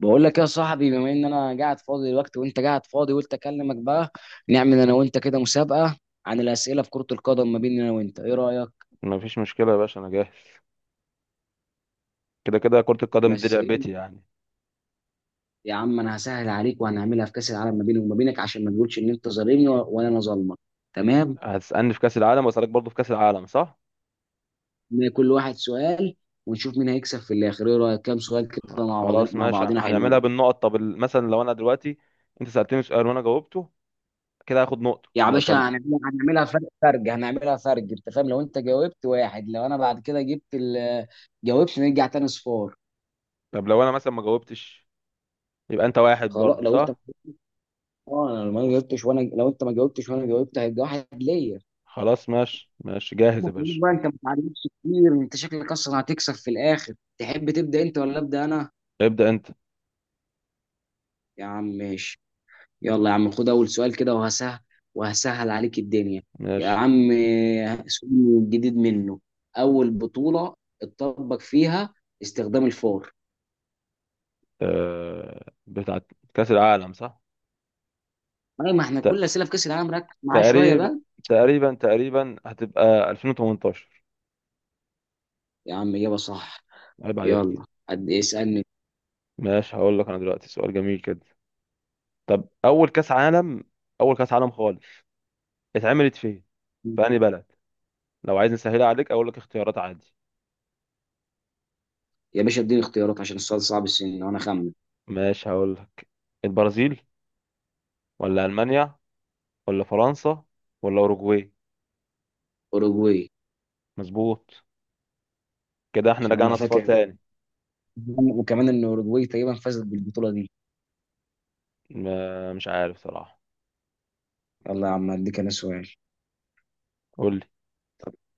بقول لك يا صاحبي، بما ان انا قاعد فاضي دلوقتي وانت قاعد فاضي، قلت اكلمك بقى. نعمل انا وانت كده مسابقه عن الاسئله في كره القدم ما بيننا انا وانت، ايه رايك؟ ما فيش مشكلة يا باشا، أنا جاهز. كده كده كرة القدم دي بس ايه؟ لعبتي يعني. يا عم انا هسهل عليك وهنعملها في كاس العالم ما بيني وما بينك، عشان ما تقولش ان انت ظالمني ولا انا ظالمك. تمام. هتسألني في كأس العالم وأسألك برضه في كأس العالم صح؟ إن كل واحد سؤال ونشوف مين هيكسب في الاخر. ايه رايك؟ كام سؤال كده مع بعضنا خلاص مع ماشي، بعضنا حلوين. هنعملها بالنقط. طب مثلا لو أنا دلوقتي أنت سألتني سؤال وأنا جاوبته، كده هاخد نقطة. يا لو باشا طب هنعملها فرق، انت فاهم؟ لو انت جاوبت واحد، لو انا بعد كده جبت جاوبت، نرجع تاني صفار. طب لو أنا مثلا ما جاوبتش يبقى أنت واحد خلاص برضه لو انت، صح؟ اه انا لو ما جاوبتش وانا، لو انت ما جاوبتش وانا جاوبت هيبقى واحد ليا. خلاص ماشي ماشي، جاهز يا بقول باشا. بقى، انت ما تعلمتش كتير، انت شكلك اصلا هتكسب في الاخر. تحب تبدا انت ولا ابدا انا؟ ابدأ أنت. يا عم ماشي. يلا يا عم خد اول سؤال كده، وهسهل عليك الدنيا. يا ماشي. عم سؤال جديد منه. اول بطوله اتطبق فيها استخدام الفار؟ بتاعت كأس العالم صح؟ اي، ما احنا ت... كل اسئله في كاس العالم، ركز معاه شويه تقريبا بقى. تقريبا تقريبا هتبقى 2018. يا عم اجابه صح. عيب عليك. يلا قد اسالني. ماشي، هقول لك أنا دلوقتي سؤال جميل كده. طب اول كاس عالم، اول كاس عالم خالص اتعملت فين؟ في انهي بلد؟ لو عايز نسهلها عليك اقول لك اختيارات عادي. يا باشا اديني اختيارات، عشان السؤال صعب السن وانا خمن. ماشي هقول لك. البرازيل، ولا المانيا، ولا فرنسا، ولا اوروجواي؟ اوروجواي. مظبوط. كده احنا عشان انا رجعنا اصفار فاكر، تاني. وكمان ان اوروجواي تقريبا فازت بالبطوله دي. مش عارف صراحة. يلا يا عم اديك انا سؤال. قول لي.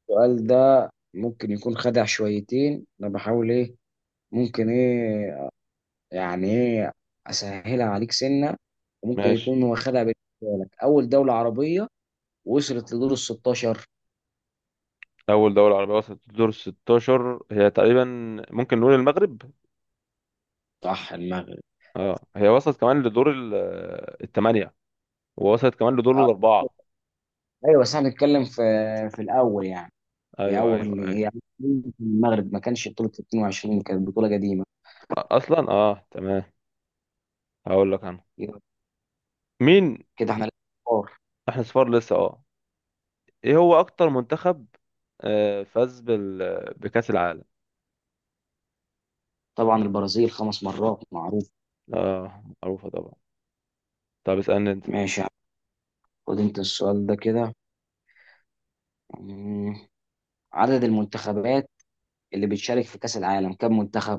السؤال ده ممكن يكون خدع شويتين، انا بحاول ايه، ممكن ايه، يعني ايه، اسهلها عليك سنه، وممكن ماشي. يكون هو خدع بالنسبه لك. اول دوله عربيه وصلت لدور ال 16؟ اول دولة عربية وصلت لدور 16 هي تقريبا ممكن نقول المغرب. صح، المغرب. اه، هي وصلت كمان لدور الثمانية، ووصلت كمان لدور أه، الاربعة. ايوه بس احنا بنتكلم في الاول يعني. ايوه ايوه هي أول ايوه. بطولة في المغرب، ما كانش بطوله 22، كانت بطوله قديمه. اصلا اه تمام. هقول لك انا. يبقى مين كده احنا. احنا؟ صفار لسه، اه. ايه هو اكتر منتخب فاز بكأس العالم؟ طبعا البرازيل خمس مرات، معروف. اه، معروفة طبعا. طب اسألني انت. ماشي، خد انت السؤال ده كده. مم. عدد المنتخبات اللي بتشارك في كأس العالم كم منتخب؟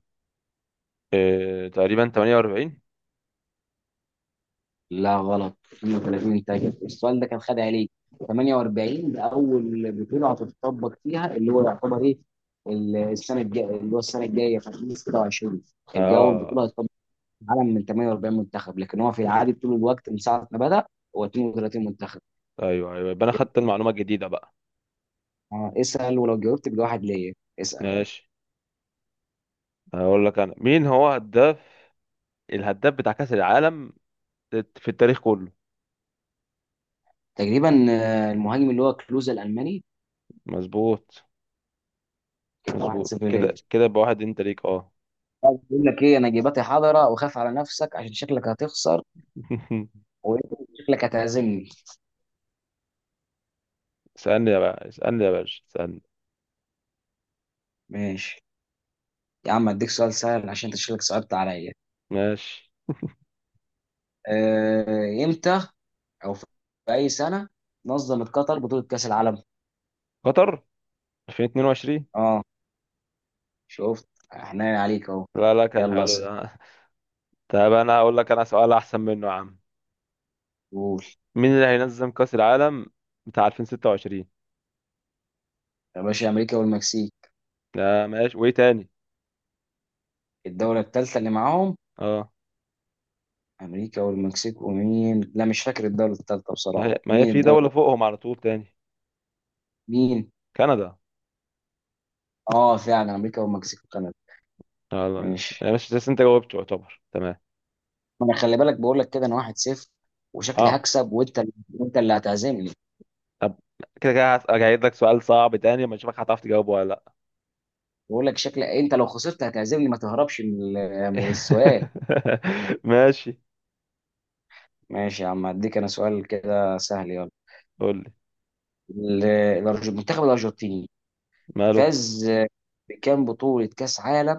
تقريبا 48. لا غلط، 32. تاجر السؤال ده كان، خد عليك. 48 ده أول بطولة هتتطبق فيها، اللي هو يعتبر إيه، السنة الجاية، اللي هو السنة الجاية في 2026 الجو البطولة اه، هتطبق في العالم من 48 منتخب، لكن هو في العادي طول الوقت من ساعة ما بدأ هو 32 منتخب. ايوه ايوه، يبقى انا يبقى خدت المعلومة الجديدة بقى. اسأل، ولو جاوبت بواحد ليا. اسأل. ماشي هقول لك انا، مين هو الهداف بتاع كأس العالم في التاريخ كله؟ تقريبا المهاجم اللي هو كلوزا الالماني. مظبوط. كده واحد مظبوط، صفر ليا. كده كده يبقى واحد انت ليك، اه. بقول لك ايه، انا جيباتي حاضره، وخاف على نفسك عشان شكلك هتخسر، وشكلك هتعزمني. اسألني يا باشا، اسألني يا باشا، اسألني. ماشي يا عم اديك سؤال سهل، عشان انت شكلك صعبت عليا. ماشي. امتى او في اي سنه نظمت قطر بطوله كاس العالم؟ قطر. 2022. اه. شفت، احنا عليك اهو. لا لا، كان يلا حلو اسال. ده. طب انا اقول لك انا سؤال احسن منه يا عم. قول. مين اللي هينظم كأس العالم بتاع 2026؟ يا باشا، امريكا والمكسيك. لا ماشي، وايه تاني؟ الدوله الثالثه اللي معاهم. اه. امريكا والمكسيك ومين؟ لا مش فاكر الدوله الثالثه ما هي بصراحه، ما هي مين في الدوله؟ دولة فوقهم على طول تاني. مين؟ كندا. اه فعلا، امريكا والمكسيك وكندا. يلا ماشي ماشي. ماشي، بس انت جاوبت يعتبر تمام. ما انا خلي بالك، بقول لك كده انا واحد صفر، وشكلي اه. هكسب، وانت اللي هتعزمني. طب كده كده هجيب لك سؤال صعب تاني اما اشوفك هتعرف تجاوبه ولا لا. بقول لك شكلي انت لو خسرت هتعزمني. ما تهربش من من السؤال. ماشي. ماشي يا عم هديك انا سؤال كده سهل، يلا. قول لي. ال- المنتخب الارجنتيني ماله؟ فاز بكام بطولة كاس عالم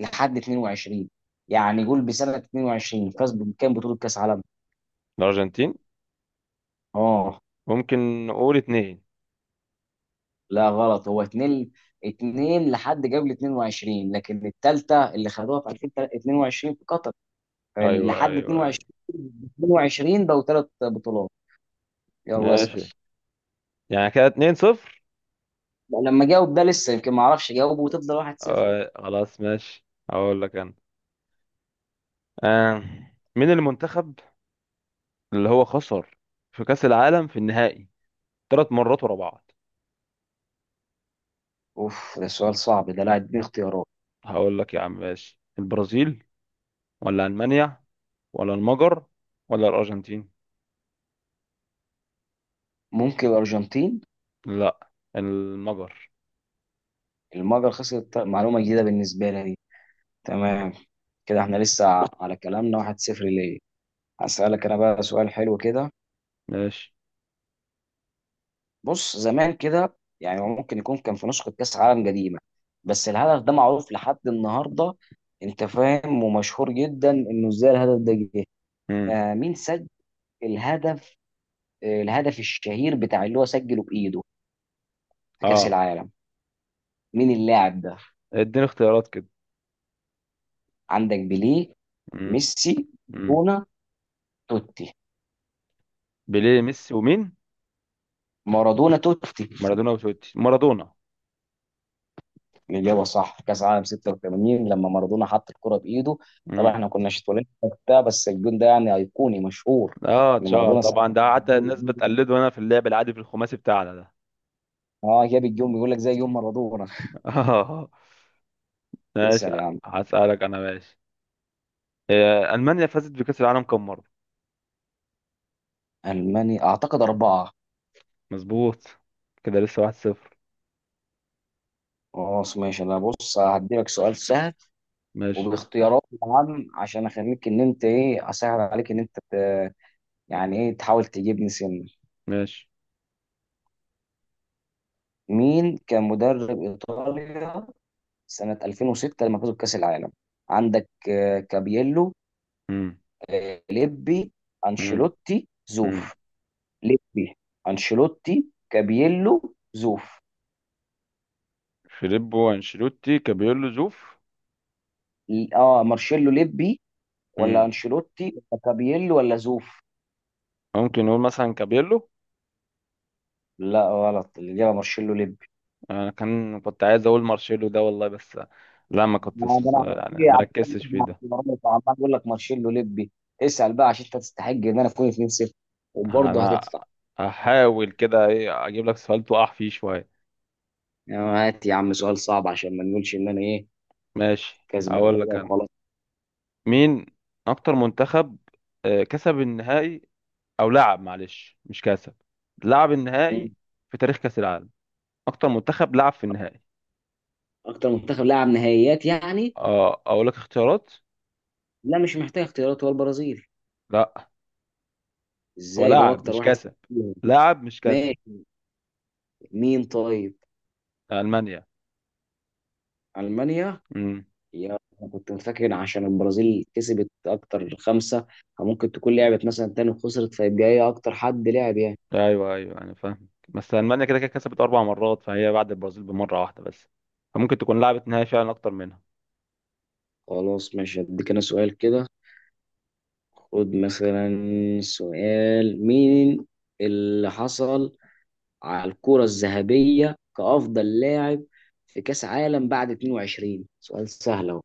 لحد 22؟ يعني قول بسنة 22 فاز بكام بطولة كاس عالم؟ الارجنتين، اه. ممكن نقول اتنين. لا غلط، هو اتنين. لحد قبل 22، لكن التالتة اللي خدوها في 2022 في قطر. ايوه لحد ايوه ايوه. 22، بقوا ثلاث بطولات. يلا اسأل. ماشي. يعني كده اتنين صفر. لا، لما جاوب ده لسه، يمكن ما اعرفش اجاوبه وتفضل 1-0. آه خلاص ماشي. هقول لك انا. آه مين المنتخب اللي هو خسر في كأس العالم في النهائي ثلاث مرات ورا بعض؟ اوف ده سؤال صعب ده، لا اديني اختيارات. هقول لك يا عم ماشي. البرازيل، ولا ألمانيا، ولا المجر، ولا الأرجنتين؟ ممكن الارجنتين. لا، المجر. المجر خسرت؟ معلومة جديدة بالنسبة لي دي. تمام. كده احنا لسه على كلامنا 1-0 ليه. هسألك انا بقى سؤال حلو كده. ماشي. بص، زمان كده، يعني هو ممكن يكون كان في نسخة كأس عالم قديمة، بس الهدف ده معروف لحد النهاردة، انت فاهم، ومشهور جدا انه ازاي الهدف ده جه. امم. آه مين سجل الهدف، آه الهدف الشهير بتاع اللي هو سجله بإيده في كأس اه، العالم؟ مين اللاعب ده؟ اديني اختيارات كده. عندك بيليه، امم. ميسي، امم. مارادونا، توتي. بيليه، ميسي، ومين؟ مارادونا توتي مارادونا وتوتي. مارادونا. الإجابة صح، كأس عالم 86 لما مارادونا حط الكرة بإيده. طبعا امم، احنا كناش اتولدنا وقتها، بس الجون ده يعني أيقوني مشهور. اه إن اتشهر مارادونا ساعتها طبعا ده، حتى الناس بتقلده هنا في اللعب العادي في الخماسي بتاعنا ده. اه جاب الجون، بيقول لك زي يوم مارادونا. اه ماشي. اسأل يا عم. هسألك انا، ماشي. ألمانيا فازت بكأس العالم كم مرة؟ ألماني أعتقد أربعة. مظبوط. كده لسه واحد صفر. خلاص ماشي. أنا بص هديلك سؤال سهل، ماشي. وباختيارات طبعا، عشان أخليك إن أنت إيه أسهل عليك، إن أنت يعني إيه، تحاول تجيبني سن. ماشي. مين كان مدرب إيطاليا سنة 2006 لما فازوا بكأس العالم؟ عندك كابيلو، مم. ليبي، مم. انشيلوتي، مم. زوف. ليبي، انشيلوتي، كابييلو، زوف. فيليبو، انشيلوتي، كابيلو، زوف. مارشيلو ليبي، ولا مم. انشيلوتي، ولا كابييلو، ولا زوف؟ ممكن نقول مثلا كابيلو. لا غلط، الاجابه مارشيلو ليبي. انا كنت عايز اقول مارشيلو ده والله، بس. لا، ما كنت. ما ده انا يعني عمال ما ركزتش فيه عمال- ده. عمال عمال اقول لك مارشيلو ليبي. اسال بقى، عشان انت تستحق ان انا اكون 2-0، وبرضه انا هتدفع. هحاول كده ايه اجيب لك سؤال تقع فيه شويه. يعني هات يا عم سؤال صعب، عشان ما نقولش ان انا ايه ماشي، كسبان هقول كده لك انا. وخلاص. مين اكتر منتخب كسب النهائي، او لعب، معلش مش كسب، لعب مم. النهائي في تاريخ كاس العالم؟ اكتر منتخب لعب في النهائي. اكتر منتخب لعب نهائيات يعني؟ اه، اقول لك اختيارات. لا مش محتاج اختيارات، هو البرازيل. لا، هو قول ازاي ده لعب اكتر مش واحد كسب. فيهم. لعب مش كسب. ماشي، مين طيب؟ المانيا. المانيا. امم. يا أنا كنت فاكر عشان البرازيل كسبت اكتر، خمسه، ممكن تكون لعبت مثلا تاني وخسرت، فيبقى هي اكتر حد لعب يعني. ايوه ايوه انا فاهم، بس المانيا كده كده كسبت اربع مرات، فهي بعد البرازيل بمره واحده بس، فممكن تكون لعبت نهائي فعلا اكتر منها. خلاص ماشي، اديك انا سؤال كده. خد مثلا سؤال، مين اللي حصل على الكرة الذهبية كأفضل لاعب في كأس عالم بعد 22؟ سؤال سهل اهو،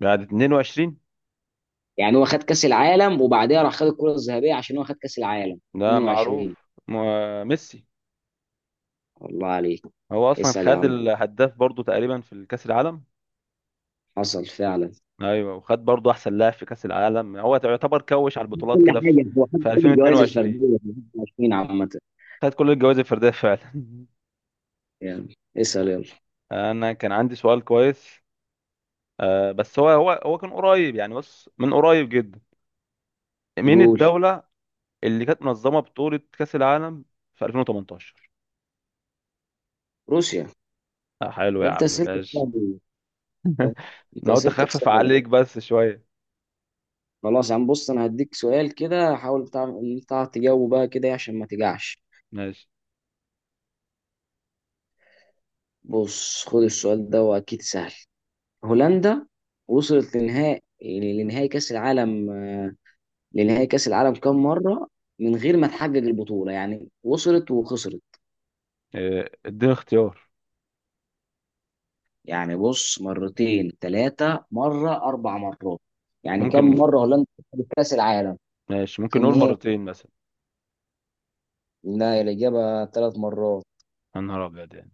بعد 22 يعني هو خد كأس العالم وبعدها راح خد الكرة الذهبية، عشان هو خد كأس العالم ده 22. معروف، ميسي. الله عليك. هو اصلا اسأل يا خد عم. الهداف برضو تقريبا في الكاس العالم. حصل فعلا. ايوه، وخد برضه احسن لاعب في كاس العالم. هو يعتبر كوش على البطولات كل كده، في حاجة، هو حتى في كل الجوائز الفردية 2022 في 2020 عامة. خد كل الجوائز الفرديه فعلا. يعني اسأل يلا. انا كان عندي سؤال كويس. بس هو كان قريب، يعني بص من قريب جدا. مين قول. الدوله اللي كانت منظمه بطوله كاس العالم في 2018؟ روسيا. آه حلو يا لا انت عم، اسئلتك ماشي. سهلة، انت انا قلت اسئلتك اخفف سهلة. عليك بس شويه. خلاص يا عم بص، انا هديك سؤال كده حاول بتاع إن بتاع تجاوبه بقى كده إيه، عشان ما تجعش. ماشي. بص خد السؤال ده واكيد سهل. هولندا وصلت لنهائي كأس العالم لنهائي كأس العالم كام مرة، من غير ما تحقق البطولة؟ يعني وصلت وخسرت. اديني اختيار. يعني بص، مرتين، ثلاثة مرة، أربع مرات، يعني كم ممكن. مرة هولندا خدت كأس العالم ماشي، في ممكن نقول النهائي؟ مرتين مثلا. لا الإجابة ثلاث مرات. يا نهار ابيض، يعني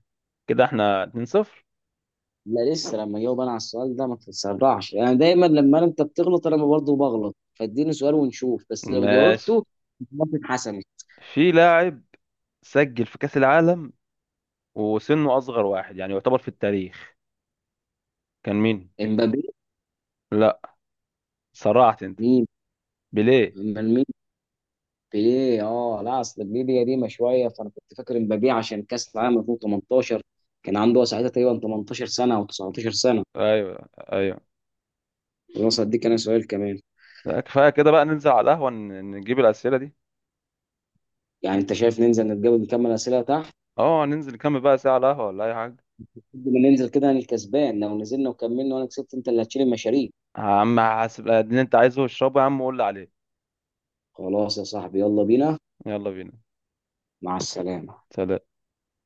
كده احنا 2-0. لا لسه، لما جاوب أنا على السؤال ده ما تتسرعش. يعني دايما لما أنت بتغلط أنا برضه بغلط، فاديني سؤال ونشوف، بس لو ماشي. جاوبته خلاص اتحسمت. في لاعب سجل في كأس العالم وسنه أصغر واحد يعني يعتبر في التاريخ، كان مين؟ امبابي. لا، سرعت أنت. مين؟ بيليه. من مين؟ بيليه؟ اه لا، اصل بيليه قديمه شويه، فانا كنت فاكر امبابي عشان كاس العالم 2018 كان عنده ساعتها تقريبا 18 سنه او 19 سنه. أيوه أيوه. الوسط دي كان سؤال كمان. لا كفاية كده بقى، ننزل على القهوة نجيب الأسئلة دي. يعني انت شايف ننزل نتقابل نكمل اسئله تحت؟ أه، ننزل نكمل بقى ساعة على القهوة ولا أي حاجة. لما ننزل كده، انا الكسبان، لو نزلنا وكملنا وانا كسبت انت اللي هتشيل المشاريع. يا عم حاسب اللي أنت عايزه اشربه يا عم، وقول لي عليه. خلاص يا صاحبي يلا بينا. يلا بينا. مع السلامه. سلام.